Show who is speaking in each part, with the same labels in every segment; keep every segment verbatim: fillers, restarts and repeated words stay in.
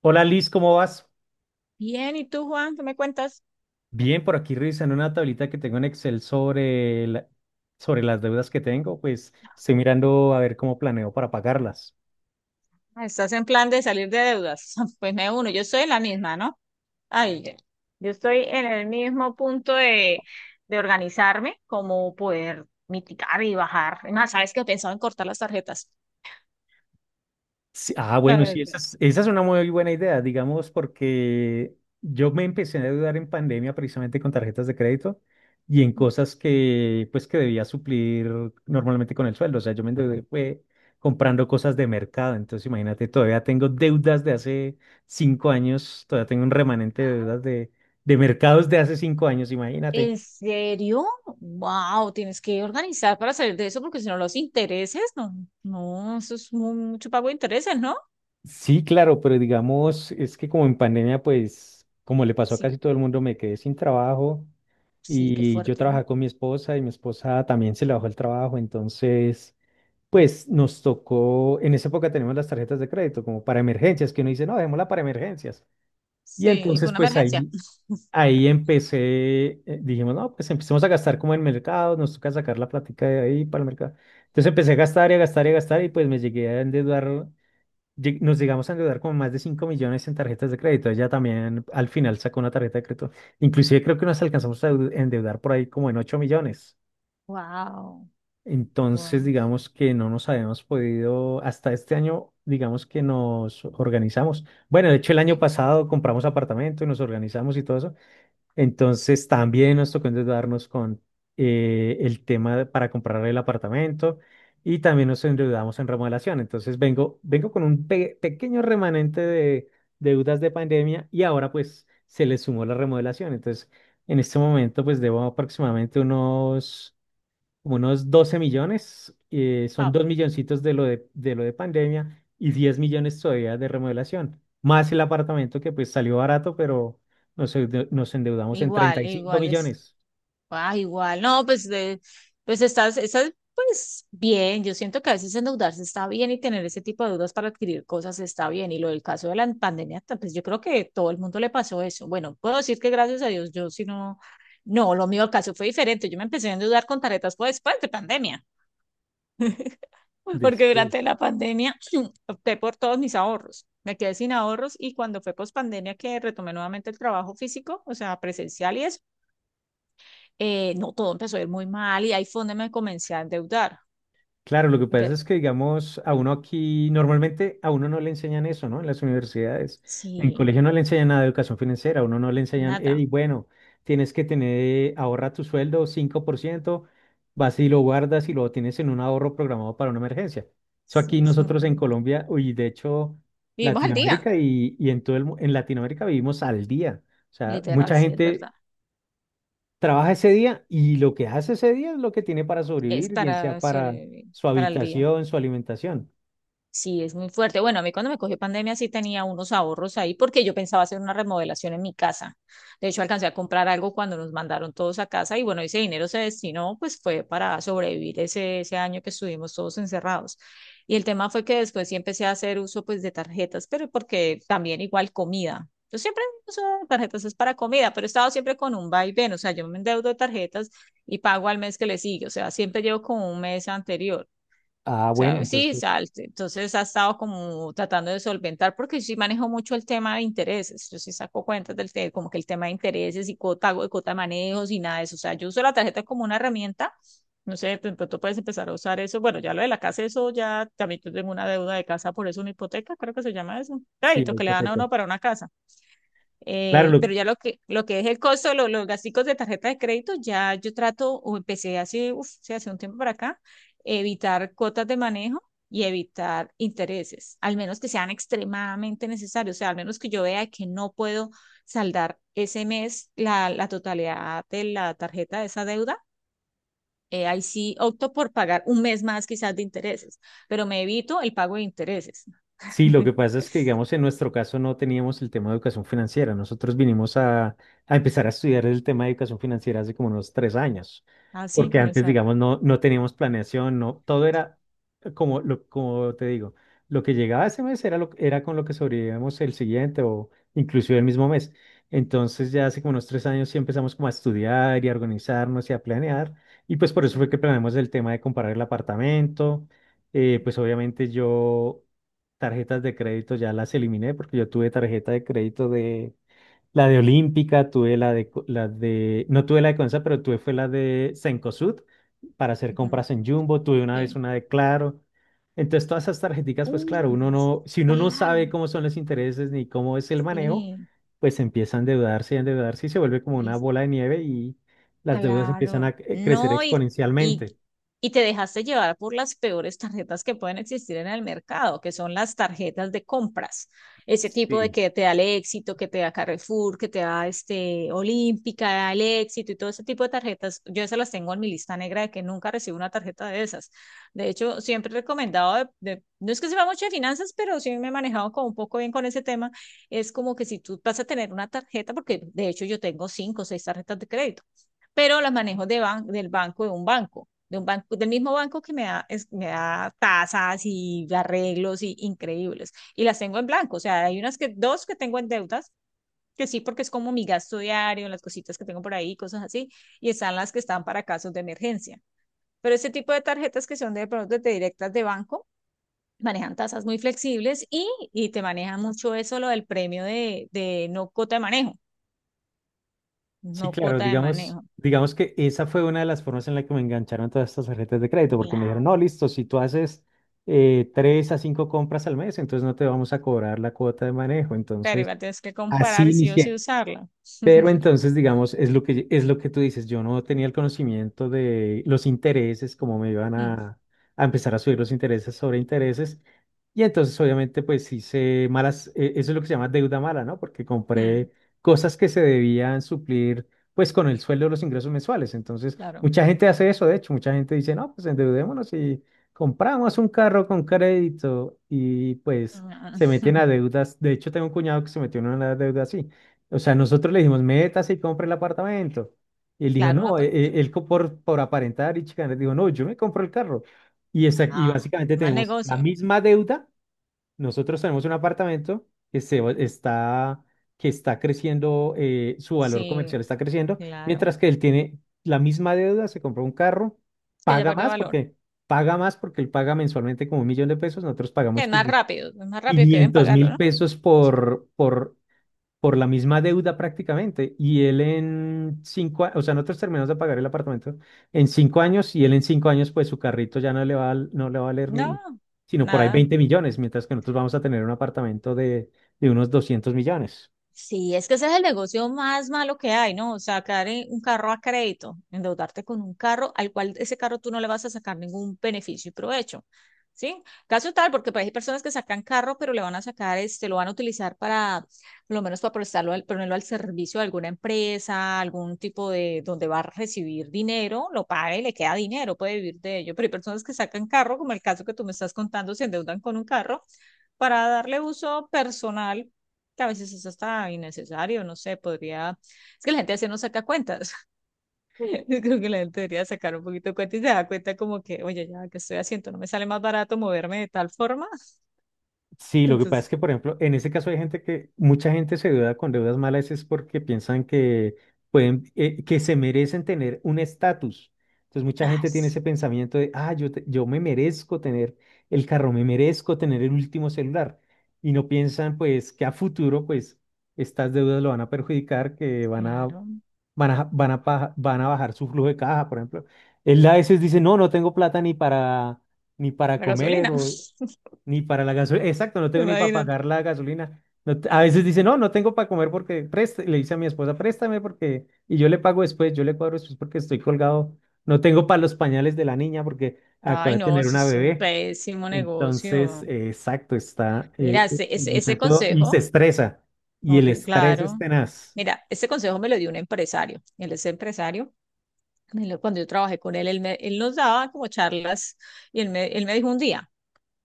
Speaker 1: Hola Liz, ¿cómo vas?
Speaker 2: Bien, ¿y tú, Juan? ¿Qué me cuentas?
Speaker 1: Bien, por aquí revisando una tablita que tengo en Excel sobre, la- sobre las deudas que tengo, pues estoy mirando a ver cómo planeo para pagarlas.
Speaker 2: Ah, estás en plan de salir de deudas. Pues me uno, yo estoy en la misma, ¿no? Ay, ya. Yo estoy en el mismo punto de, de organizarme, como poder mitigar y bajar. Es más, ¿sabes que he pensado en cortar las tarjetas?
Speaker 1: Sí, ah,
Speaker 2: La
Speaker 1: bueno, sí,
Speaker 2: verdad.
Speaker 1: esa es, esa es una muy buena idea, digamos, porque yo me empecé a endeudar en pandemia precisamente con tarjetas de crédito y en cosas que, pues, que debía suplir normalmente con el sueldo. O sea, yo me endeudé fue comprando cosas de mercado. Entonces, imagínate, todavía tengo deudas de hace cinco años, todavía tengo un remanente de deudas de, de mercados de hace cinco años, imagínate.
Speaker 2: ¿En serio? Wow, tienes que organizar para salir de eso porque si no los intereses, no, no, eso es mu- mucho pago de intereses, ¿no?
Speaker 1: Sí, claro, pero digamos, es que como en pandemia, pues, como le pasó a
Speaker 2: Sí,
Speaker 1: casi todo el mundo, me quedé sin trabajo
Speaker 2: sí, qué
Speaker 1: y yo
Speaker 2: fuerte, ¿no?
Speaker 1: trabajaba con mi esposa y mi esposa también se le bajó el trabajo, entonces, pues nos tocó, en esa época tenemos las tarjetas de crédito como para emergencias, que uno dice, no, dejémosla para emergencias. Y
Speaker 2: Sí, fue
Speaker 1: entonces,
Speaker 2: una
Speaker 1: pues
Speaker 2: emergencia.
Speaker 1: ahí, ahí empecé, eh, dijimos, no, pues empecemos a gastar como en mercado, nos toca sacar la plática de ahí para el mercado. Entonces empecé a gastar y a gastar y a gastar y pues me llegué a endeudar lleg- nos llegamos a endeudar como más de cinco millones en tarjetas de crédito. Ella también al final sacó una tarjeta de crédito. Inclusive creo que nos alcanzamos a eu- endeudar por ahí como en ocho millones.
Speaker 2: Wow, wow.
Speaker 1: Entonces, digamos que no nos habíamos podido, hasta este año, digamos que nos organizamos. Bueno, de hecho, el año pasado compramos apartamento y nos organizamos y todo eso, entonces también nos tocó endeudarnos con eh, el tema de- para comprar el apartamento y también nos endeudamos en remodelación. Entonces vengo, vengo con un pe- pequeño remanente de deudas de pandemia y ahora pues se le sumó la remodelación. Entonces en este momento pues debo aproximadamente unos como unos doce millones, eh, son
Speaker 2: Ah,
Speaker 1: dos milloncitos de lo de, de lo de pandemia y diez millones todavía de remodelación, más el apartamento que pues salió barato, pero nos, endeu- nos endeudamos en treinta
Speaker 2: igual,
Speaker 1: y cinco
Speaker 2: igual es,
Speaker 1: millones
Speaker 2: ah, igual, no, pues, de, pues estás, estás, pues bien, yo siento que a veces endeudarse está bien y tener ese tipo de deudas para adquirir cosas está bien, y lo del caso de la pandemia, ta- pues yo creo que todo el mundo le pasó eso. Bueno, puedo decir que gracias a Dios, yo si no, no, lo mío, el caso fue diferente, yo me empecé a endeudar con tarjetas fue después de pandemia, porque durante
Speaker 1: después.
Speaker 2: la pandemia opté por todos mis ahorros, me quedé sin ahorros, y cuando fue post pandemia que retomé nuevamente el trabajo físico, o sea, presencial y eso, eh, no, todo empezó a ir muy mal y ahí fue donde me comencé a endeudar.
Speaker 1: Claro, lo que pasa
Speaker 2: Pero,
Speaker 1: es que, digamos, a uno aquí, normalmente a uno no le enseñan eso, ¿no? En las universidades. En
Speaker 2: sí,
Speaker 1: colegio no le enseñan nada de educación financiera, a uno no le enseñan,
Speaker 2: nada,
Speaker 1: hey, bueno, tienes que tener, ahorra tu sueldo cinco por ciento, vas y lo guardas y lo tienes en un ahorro programado para una emergencia. Eso
Speaker 2: sí,
Speaker 1: aquí
Speaker 2: es mu-
Speaker 1: nosotros en Colombia, y de hecho,
Speaker 2: vivimos al día,
Speaker 1: Latinoamérica y, y en todo el, mu- en Latinoamérica vivimos al día. O sea,
Speaker 2: literal,
Speaker 1: mucha
Speaker 2: sí, es verdad,
Speaker 1: gente trabaja ese día y lo que hace ese día es lo que tiene para
Speaker 2: es
Speaker 1: sobrevivir, bien
Speaker 2: para
Speaker 1: sea para
Speaker 2: sobrevivir,
Speaker 1: su
Speaker 2: para el día.
Speaker 1: habitación, su alimentación.
Speaker 2: Sí, es muy fuerte. Bueno, a mí cuando me cogió pandemia sí tenía unos ahorros ahí porque yo pensaba hacer una remodelación en mi casa. De hecho, alcancé a comprar algo cuando nos mandaron todos a casa y bueno, ese dinero se destinó, pues fue para sobrevivir ese, ese año que estuvimos todos encerrados. Y el tema fue que después sí empecé a hacer uso pues de tarjetas, pero porque también igual comida. Yo siempre uso tarjetas es para comida, pero he estado siempre con un vaivén, o sea, yo me endeudo de tarjetas y pago al mes que le sigue, o sea, siempre llevo como un mes anterior.
Speaker 1: Ah,
Speaker 2: O
Speaker 1: bueno,
Speaker 2: sea, sí, o
Speaker 1: entonces
Speaker 2: sea, el- entonces ha estado como tratando de solventar, porque yo sí manejo mucho el tema de intereses. Yo sí saco cuentas del tema, como que el tema de intereses y cuota, cuota de manejos y nada de eso. O sea, yo uso la tarjeta como una herramienta. No sé, de pronto puedes empezar a usar eso. Bueno, ya lo de la casa, eso ya también yo tengo una deuda de casa, por eso una hipoteca, creo que se llama eso.
Speaker 1: sí,
Speaker 2: Crédito
Speaker 1: la
Speaker 2: que le dan a
Speaker 1: hipoteca.
Speaker 2: uno para una casa.
Speaker 1: Claro,
Speaker 2: Eh,
Speaker 1: lo.
Speaker 2: pero ya lo que, lo que es el costo, lo- los gastos de tarjeta de crédito, ya yo trato, o empecé hace, uf, sí, hace un tiempo para acá, evitar cuotas de manejo y evitar intereses, al menos que sean extremadamente necesarios, o sea, al menos que yo vea que no puedo saldar ese mes la, la totalidad de la tarjeta de esa deuda. Eh, ahí sí opto por pagar un mes más quizás de intereses, pero me evito el pago de intereses.
Speaker 1: Sí, lo que pasa es que, digamos, en nuestro caso no teníamos el tema de educación financiera. Nosotros vinimos a, a empezar a estudiar el tema de educación financiera hace como unos tres años,
Speaker 2: Así
Speaker 1: porque antes,
Speaker 2: comenzar.
Speaker 1: digamos, no, no teníamos planeación, no, todo era eh, como, lo, como te digo, lo que llegaba ese mes era, lo, era con lo que sobrevivíamos el siguiente o inclusive el mismo mes. Entonces, ya hace como unos tres años sí empezamos como a estudiar y a organizarnos y a planear, y pues por eso
Speaker 2: Sí.
Speaker 1: fue que planeamos el tema de comprar el apartamento. Eh, pues obviamente yo tarjetas de crédito ya las eliminé porque yo tuve tarjeta de crédito de la de Olímpica, tuve la de Co- la de no tuve la de Consa, pero tuve fue la de Cencosud para hacer
Speaker 2: Ujú.
Speaker 1: compras en Jumbo, tuve una vez
Speaker 2: Sí.
Speaker 1: una de Claro. Entonces todas esas tarjeticas, pues claro, uno
Speaker 2: Uy,
Speaker 1: no, si uno no
Speaker 2: claro,
Speaker 1: sabe cómo son los intereses ni cómo es el manejo,
Speaker 2: sí,
Speaker 1: pues empieza a endeudarse y a endeudarse y se vuelve como una bola de nieve y las deudas empiezan
Speaker 2: claro,
Speaker 1: a cre- crecer
Speaker 2: no, y, y,
Speaker 1: exponencialmente.
Speaker 2: y te dejaste llevar por las peores tarjetas que pueden existir en el mercado, que son las tarjetas de compras. Ese tipo de
Speaker 1: Sí.
Speaker 2: que te da el éxito, que te da Carrefour, que te da este Olímpica, el éxito y todo ese tipo de tarjetas. Yo esas las tengo en mi lista negra de que nunca recibo una tarjeta de esas. De hecho, siempre he recomendado, de, de- no es que sepa mucho de finanzas, pero sí me he manejado como un poco bien con ese tema. Es como que si tú vas a tener una tarjeta, porque de hecho yo tengo cinco o seis tarjetas de crédito pero las manejo de ban del banco, de un banco, de un banco, del mismo banco que me da, es- me da tasas y arreglos y increíbles. Y las tengo en blanco, o sea, hay unas que, dos que tengo en deudas, que sí, porque es como mi gasto diario, las cositas que tengo por ahí, cosas así, y están las que están para casos de emergencia. Pero ese tipo de tarjetas que son de productos de directas de banco, manejan tasas muy flexibles y, y te manejan mucho eso, lo del premio de, de no cuota de manejo,
Speaker 1: Sí,
Speaker 2: no
Speaker 1: claro,
Speaker 2: cuota de
Speaker 1: digamos,
Speaker 2: manejo.
Speaker 1: digamos que esa fue una de las formas en la que me engancharon todas estas tarjetas de crédito, porque me dijeron,
Speaker 2: Claro,
Speaker 1: no, listo, si tú haces eh, tres a cinco compras al mes, entonces no te vamos a cobrar la cuota de manejo.
Speaker 2: claro,
Speaker 1: Entonces,
Speaker 2: igual tienes que
Speaker 1: así
Speaker 2: comparar si o sí
Speaker 1: inicié.
Speaker 2: usarla.
Speaker 1: Pero entonces, digamos, es lo que, es lo que tú dices, yo no tenía el conocimiento de los intereses, cómo me iban
Speaker 2: Mm,
Speaker 1: a, a empezar a subir los intereses sobre intereses. Y entonces, obviamente, pues hice malas, eh, eso es lo que se llama deuda mala, ¿no? Porque
Speaker 2: mm,
Speaker 1: compré cosas que se debían suplir, pues, con el sueldo de los ingresos mensuales. Entonces,
Speaker 2: claro.
Speaker 1: mucha gente hace eso, de hecho, mucha gente dice, no, pues endeudémonos y compramos un carro con crédito y pues
Speaker 2: Ah,
Speaker 1: se meten a deudas. De hecho, tengo un cuñado que se metió en una deuda así. O sea, nosotros le dijimos, métase y compre el apartamento. Y él dijo,
Speaker 2: claro, una...
Speaker 1: no, e-
Speaker 2: pa-
Speaker 1: e- él, co- por, por aparentar y chicanar, dijo, no, yo me compro el carro. Y, esa- y
Speaker 2: Ah,
Speaker 1: básicamente
Speaker 2: mal
Speaker 1: tenemos la
Speaker 2: negocio.
Speaker 1: misma deuda. Nosotros tenemos un apartamento que, se, va- está, que está creciendo, eh, su valor
Speaker 2: Sí,
Speaker 1: comercial está creciendo,
Speaker 2: claro.
Speaker 1: mientras que él tiene la misma deuda, se compró un carro,
Speaker 2: Que ya
Speaker 1: paga
Speaker 2: perdió
Speaker 1: más
Speaker 2: valor.
Speaker 1: porque, paga más porque él paga mensualmente como un millón de pesos, nosotros
Speaker 2: Es
Speaker 1: pagamos
Speaker 2: más rápido, es más rápido que deben
Speaker 1: quinientos
Speaker 2: pagarlo,
Speaker 1: mil
Speaker 2: ¿no?
Speaker 1: pesos por, por por la misma deuda prácticamente. Y él en cinco, a- o sea, nosotros terminamos de pagar el apartamento en cinco años y él en cinco años, pues su carrito ya no le va, a- no le va a valer
Speaker 2: No,
Speaker 1: ni, sino por ahí
Speaker 2: nada.
Speaker 1: veinte millones, mientras que nosotros vamos a tener un apartamento de, de unos doscientos millones.
Speaker 2: Sí, es que ese es el negocio más malo que hay, ¿no? O sea, sacar eh, un carro a crédito, endeudarte con un carro al cual ese carro tú no le vas a sacar ningún beneficio y provecho, ¿sí? Caso tal, porque pues, hay personas que sacan carro, pero le van a sacar, este, lo van a utilizar para, por lo menos para prestarlo, al, ponerlo al servicio de alguna empresa, algún tipo de, donde va a recibir dinero, lo paga y le queda dinero, puede vivir de ello, pero hay personas que sacan carro, como el caso que tú me estás contando, se endeudan con un carro para darle uso personal que a veces es hasta innecesario, no sé, podría, es que la gente así no saca cuentas, yo creo que la gente debería sacar un poquito de cuenta y se da cuenta como que, oye, ya que estoy haciendo, no me sale más barato moverme de tal forma,
Speaker 1: Sí, lo que pasa es
Speaker 2: entonces,
Speaker 1: que, por ejemplo, en ese caso hay gente que, mucha gente se deuda con deudas malas es porque piensan que pueden, eh, que se merecen tener un estatus. Entonces, mucha
Speaker 2: ay,
Speaker 1: gente tiene
Speaker 2: sí,
Speaker 1: ese pensamiento de, ah, yo, te- yo me merezco tener el carro, me merezco tener el último celular. Y no piensan, pues, que a futuro, pues, estas deudas lo van a perjudicar, que van a,
Speaker 2: claro,
Speaker 1: van a, van a, paja- van a bajar su flujo de caja, por ejemplo. Él a veces dice, no, no tengo plata ni para, ni para
Speaker 2: la
Speaker 1: comer
Speaker 2: gasolina,
Speaker 1: ni para la gasolina. Exacto, no tengo ni para
Speaker 2: imagínate.
Speaker 1: pagar la gasolina. No te- a veces dice, no, no tengo para comer porque preste- le dice a mi esposa, préstame porque, y yo le pago después, yo le cuadro después porque estoy colgado. No tengo para los pañales de la niña porque acabo
Speaker 2: Ay,
Speaker 1: de
Speaker 2: no,
Speaker 1: tener
Speaker 2: eso
Speaker 1: una
Speaker 2: es un
Speaker 1: bebé.
Speaker 2: pésimo
Speaker 1: Entonces,
Speaker 2: negocio.
Speaker 1: eh, exacto, está
Speaker 2: Mira,
Speaker 1: eh, el
Speaker 2: ese, ese, ese
Speaker 1: muchacho y
Speaker 2: consejo,
Speaker 1: se estresa. Y el
Speaker 2: horri-
Speaker 1: estrés es
Speaker 2: claro.
Speaker 1: tenaz.
Speaker 2: Mira, ese consejo me lo dio un empresario. Él es empresario. Él- cuando yo trabajé con él, él, me- él nos daba como charlas y él me, él me dijo un día,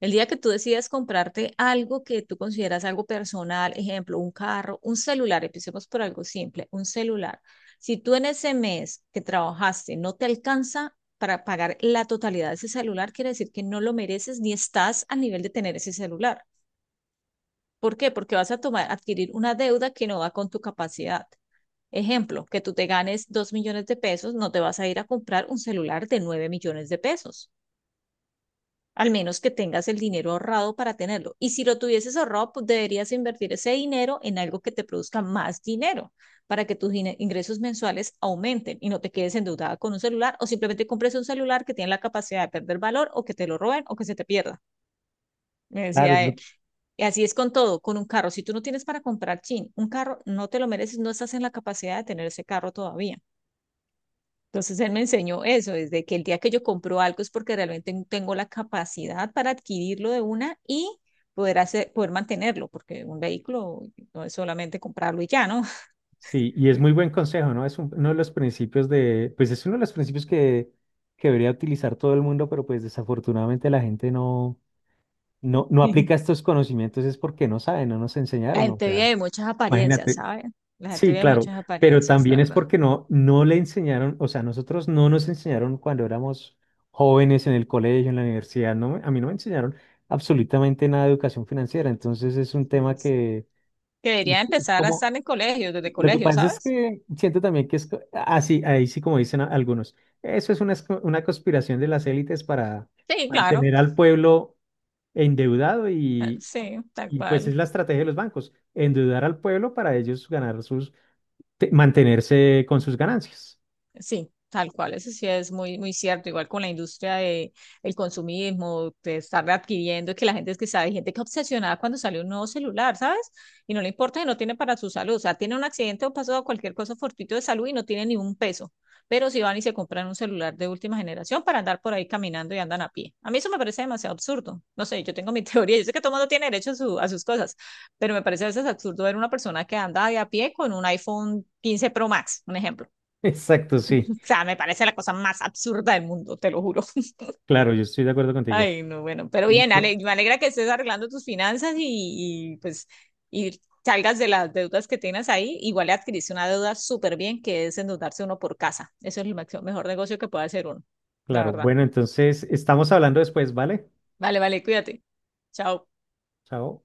Speaker 2: el día que tú decidas comprarte algo que tú consideras algo personal, ejemplo, un carro, un celular, empecemos por algo simple, un celular. Si tú en ese mes que trabajaste no te alcanza para pagar la totalidad de ese celular, quiere decir que no lo mereces ni estás al nivel de tener ese celular. ¿Por qué? Porque vas a tomar, adquirir una deuda que no va con tu capacidad. Ejemplo, que tú te ganes dos millones de pesos, no te vas a ir a comprar un celular de nueve millones de pesos, al menos que tengas el dinero ahorrado para tenerlo. Y si lo tuvieses ahorrado, pues deberías invertir ese dinero en algo que te produzca más dinero para que tus ingresos mensuales aumenten y no te quedes endeudada con un celular o simplemente compres un celular que tiene la capacidad de perder valor o que te lo roben o que se te pierda, me
Speaker 1: Claro, es
Speaker 2: decía
Speaker 1: lo-
Speaker 2: él. Y así es con todo, con un carro. Si tú no tienes para comprar, chin, un carro no te lo mereces, no estás en la capacidad de tener ese carro todavía. Entonces él me enseñó eso, desde que el día que yo compro algo es porque realmente tengo la capacidad para adquirirlo de una y poder hacer, poder mantenerlo, porque un vehículo no es solamente comprarlo y ya, ¿no?
Speaker 1: sí, y es muy buen consejo, ¿no? Es un- uno de los principios de, pues es uno de los principios que, que debería utilizar todo el mundo, pero pues desafortunadamente la gente no. No, no aplica estos conocimientos es porque no sabe, no nos
Speaker 2: La
Speaker 1: enseñaron, o
Speaker 2: gente vive
Speaker 1: sea,
Speaker 2: de muchas apariencias,
Speaker 1: imagínate.
Speaker 2: ¿sabes? La gente
Speaker 1: Sí,
Speaker 2: vive de
Speaker 1: claro,
Speaker 2: muchas
Speaker 1: pero
Speaker 2: apariencias,
Speaker 1: también
Speaker 2: la
Speaker 1: es
Speaker 2: verdad.
Speaker 1: porque no, no le enseñaron, o sea, nosotros no nos enseñaron cuando éramos jóvenes en el colegio, en la universidad, no, me- a mí no me enseñaron absolutamente nada de educación financiera, entonces es un
Speaker 2: Y
Speaker 1: tema
Speaker 2: es
Speaker 1: que,
Speaker 2: que
Speaker 1: que
Speaker 2: debería
Speaker 1: es
Speaker 2: empezar a
Speaker 1: como,
Speaker 2: estar en colegios, desde
Speaker 1: lo que
Speaker 2: colegios,
Speaker 1: pasa es
Speaker 2: ¿sabes?
Speaker 1: que siento también que es, co- ah, sí, ahí sí como dicen a- algunos, eso es una, es- una conspiración de las élites para
Speaker 2: Sí, claro,
Speaker 1: mantener al pueblo endeudado
Speaker 2: ah,
Speaker 1: y
Speaker 2: sí, tal
Speaker 1: y pues
Speaker 2: cual.
Speaker 1: es la estrategia de los bancos, endeudar al pueblo para ellos ganar sus, te- mantenerse con sus ganancias.
Speaker 2: Sí, tal cual, eso sí es muy, muy cierto, igual con la industria de el consumismo, de estar adquiriendo, que la gente es que sabe, hay gente que obsesionada cuando sale un nuevo celular, ¿sabes? Y no le importa que no tiene para su salud, o sea, tiene un accidente o pasó cualquier cosa fortuito de salud y no tiene ni un peso, pero si van y se compran un celular de última generación para andar por ahí caminando y andan a pie. A mí eso me parece demasiado absurdo, no sé, yo tengo mi teoría, yo sé que todo mundo tiene derecho a, su- a sus cosas, pero me parece a veces absurdo ver una persona que anda de a pie con un iPhone quince Pro Max, un ejemplo,
Speaker 1: Exacto, sí.
Speaker 2: o sea, me parece la cosa más absurda del mundo, te lo juro.
Speaker 1: Claro, yo estoy de acuerdo contigo.
Speaker 2: Ay, no, bueno, pero bien,
Speaker 1: Listo.
Speaker 2: Ale, me alegra que estés arreglando tus finanzas y, y, pues y salgas de las deudas que tienes ahí. Igual le adquiriste una deuda súper bien, que es endeudarse uno por casa. Eso es el maxi- mejor negocio que puede hacer uno, la
Speaker 1: Claro,
Speaker 2: verdad.
Speaker 1: bueno, entonces estamos hablando después, ¿vale?
Speaker 2: Vale, vale, cuídate. Chao.
Speaker 1: Chao.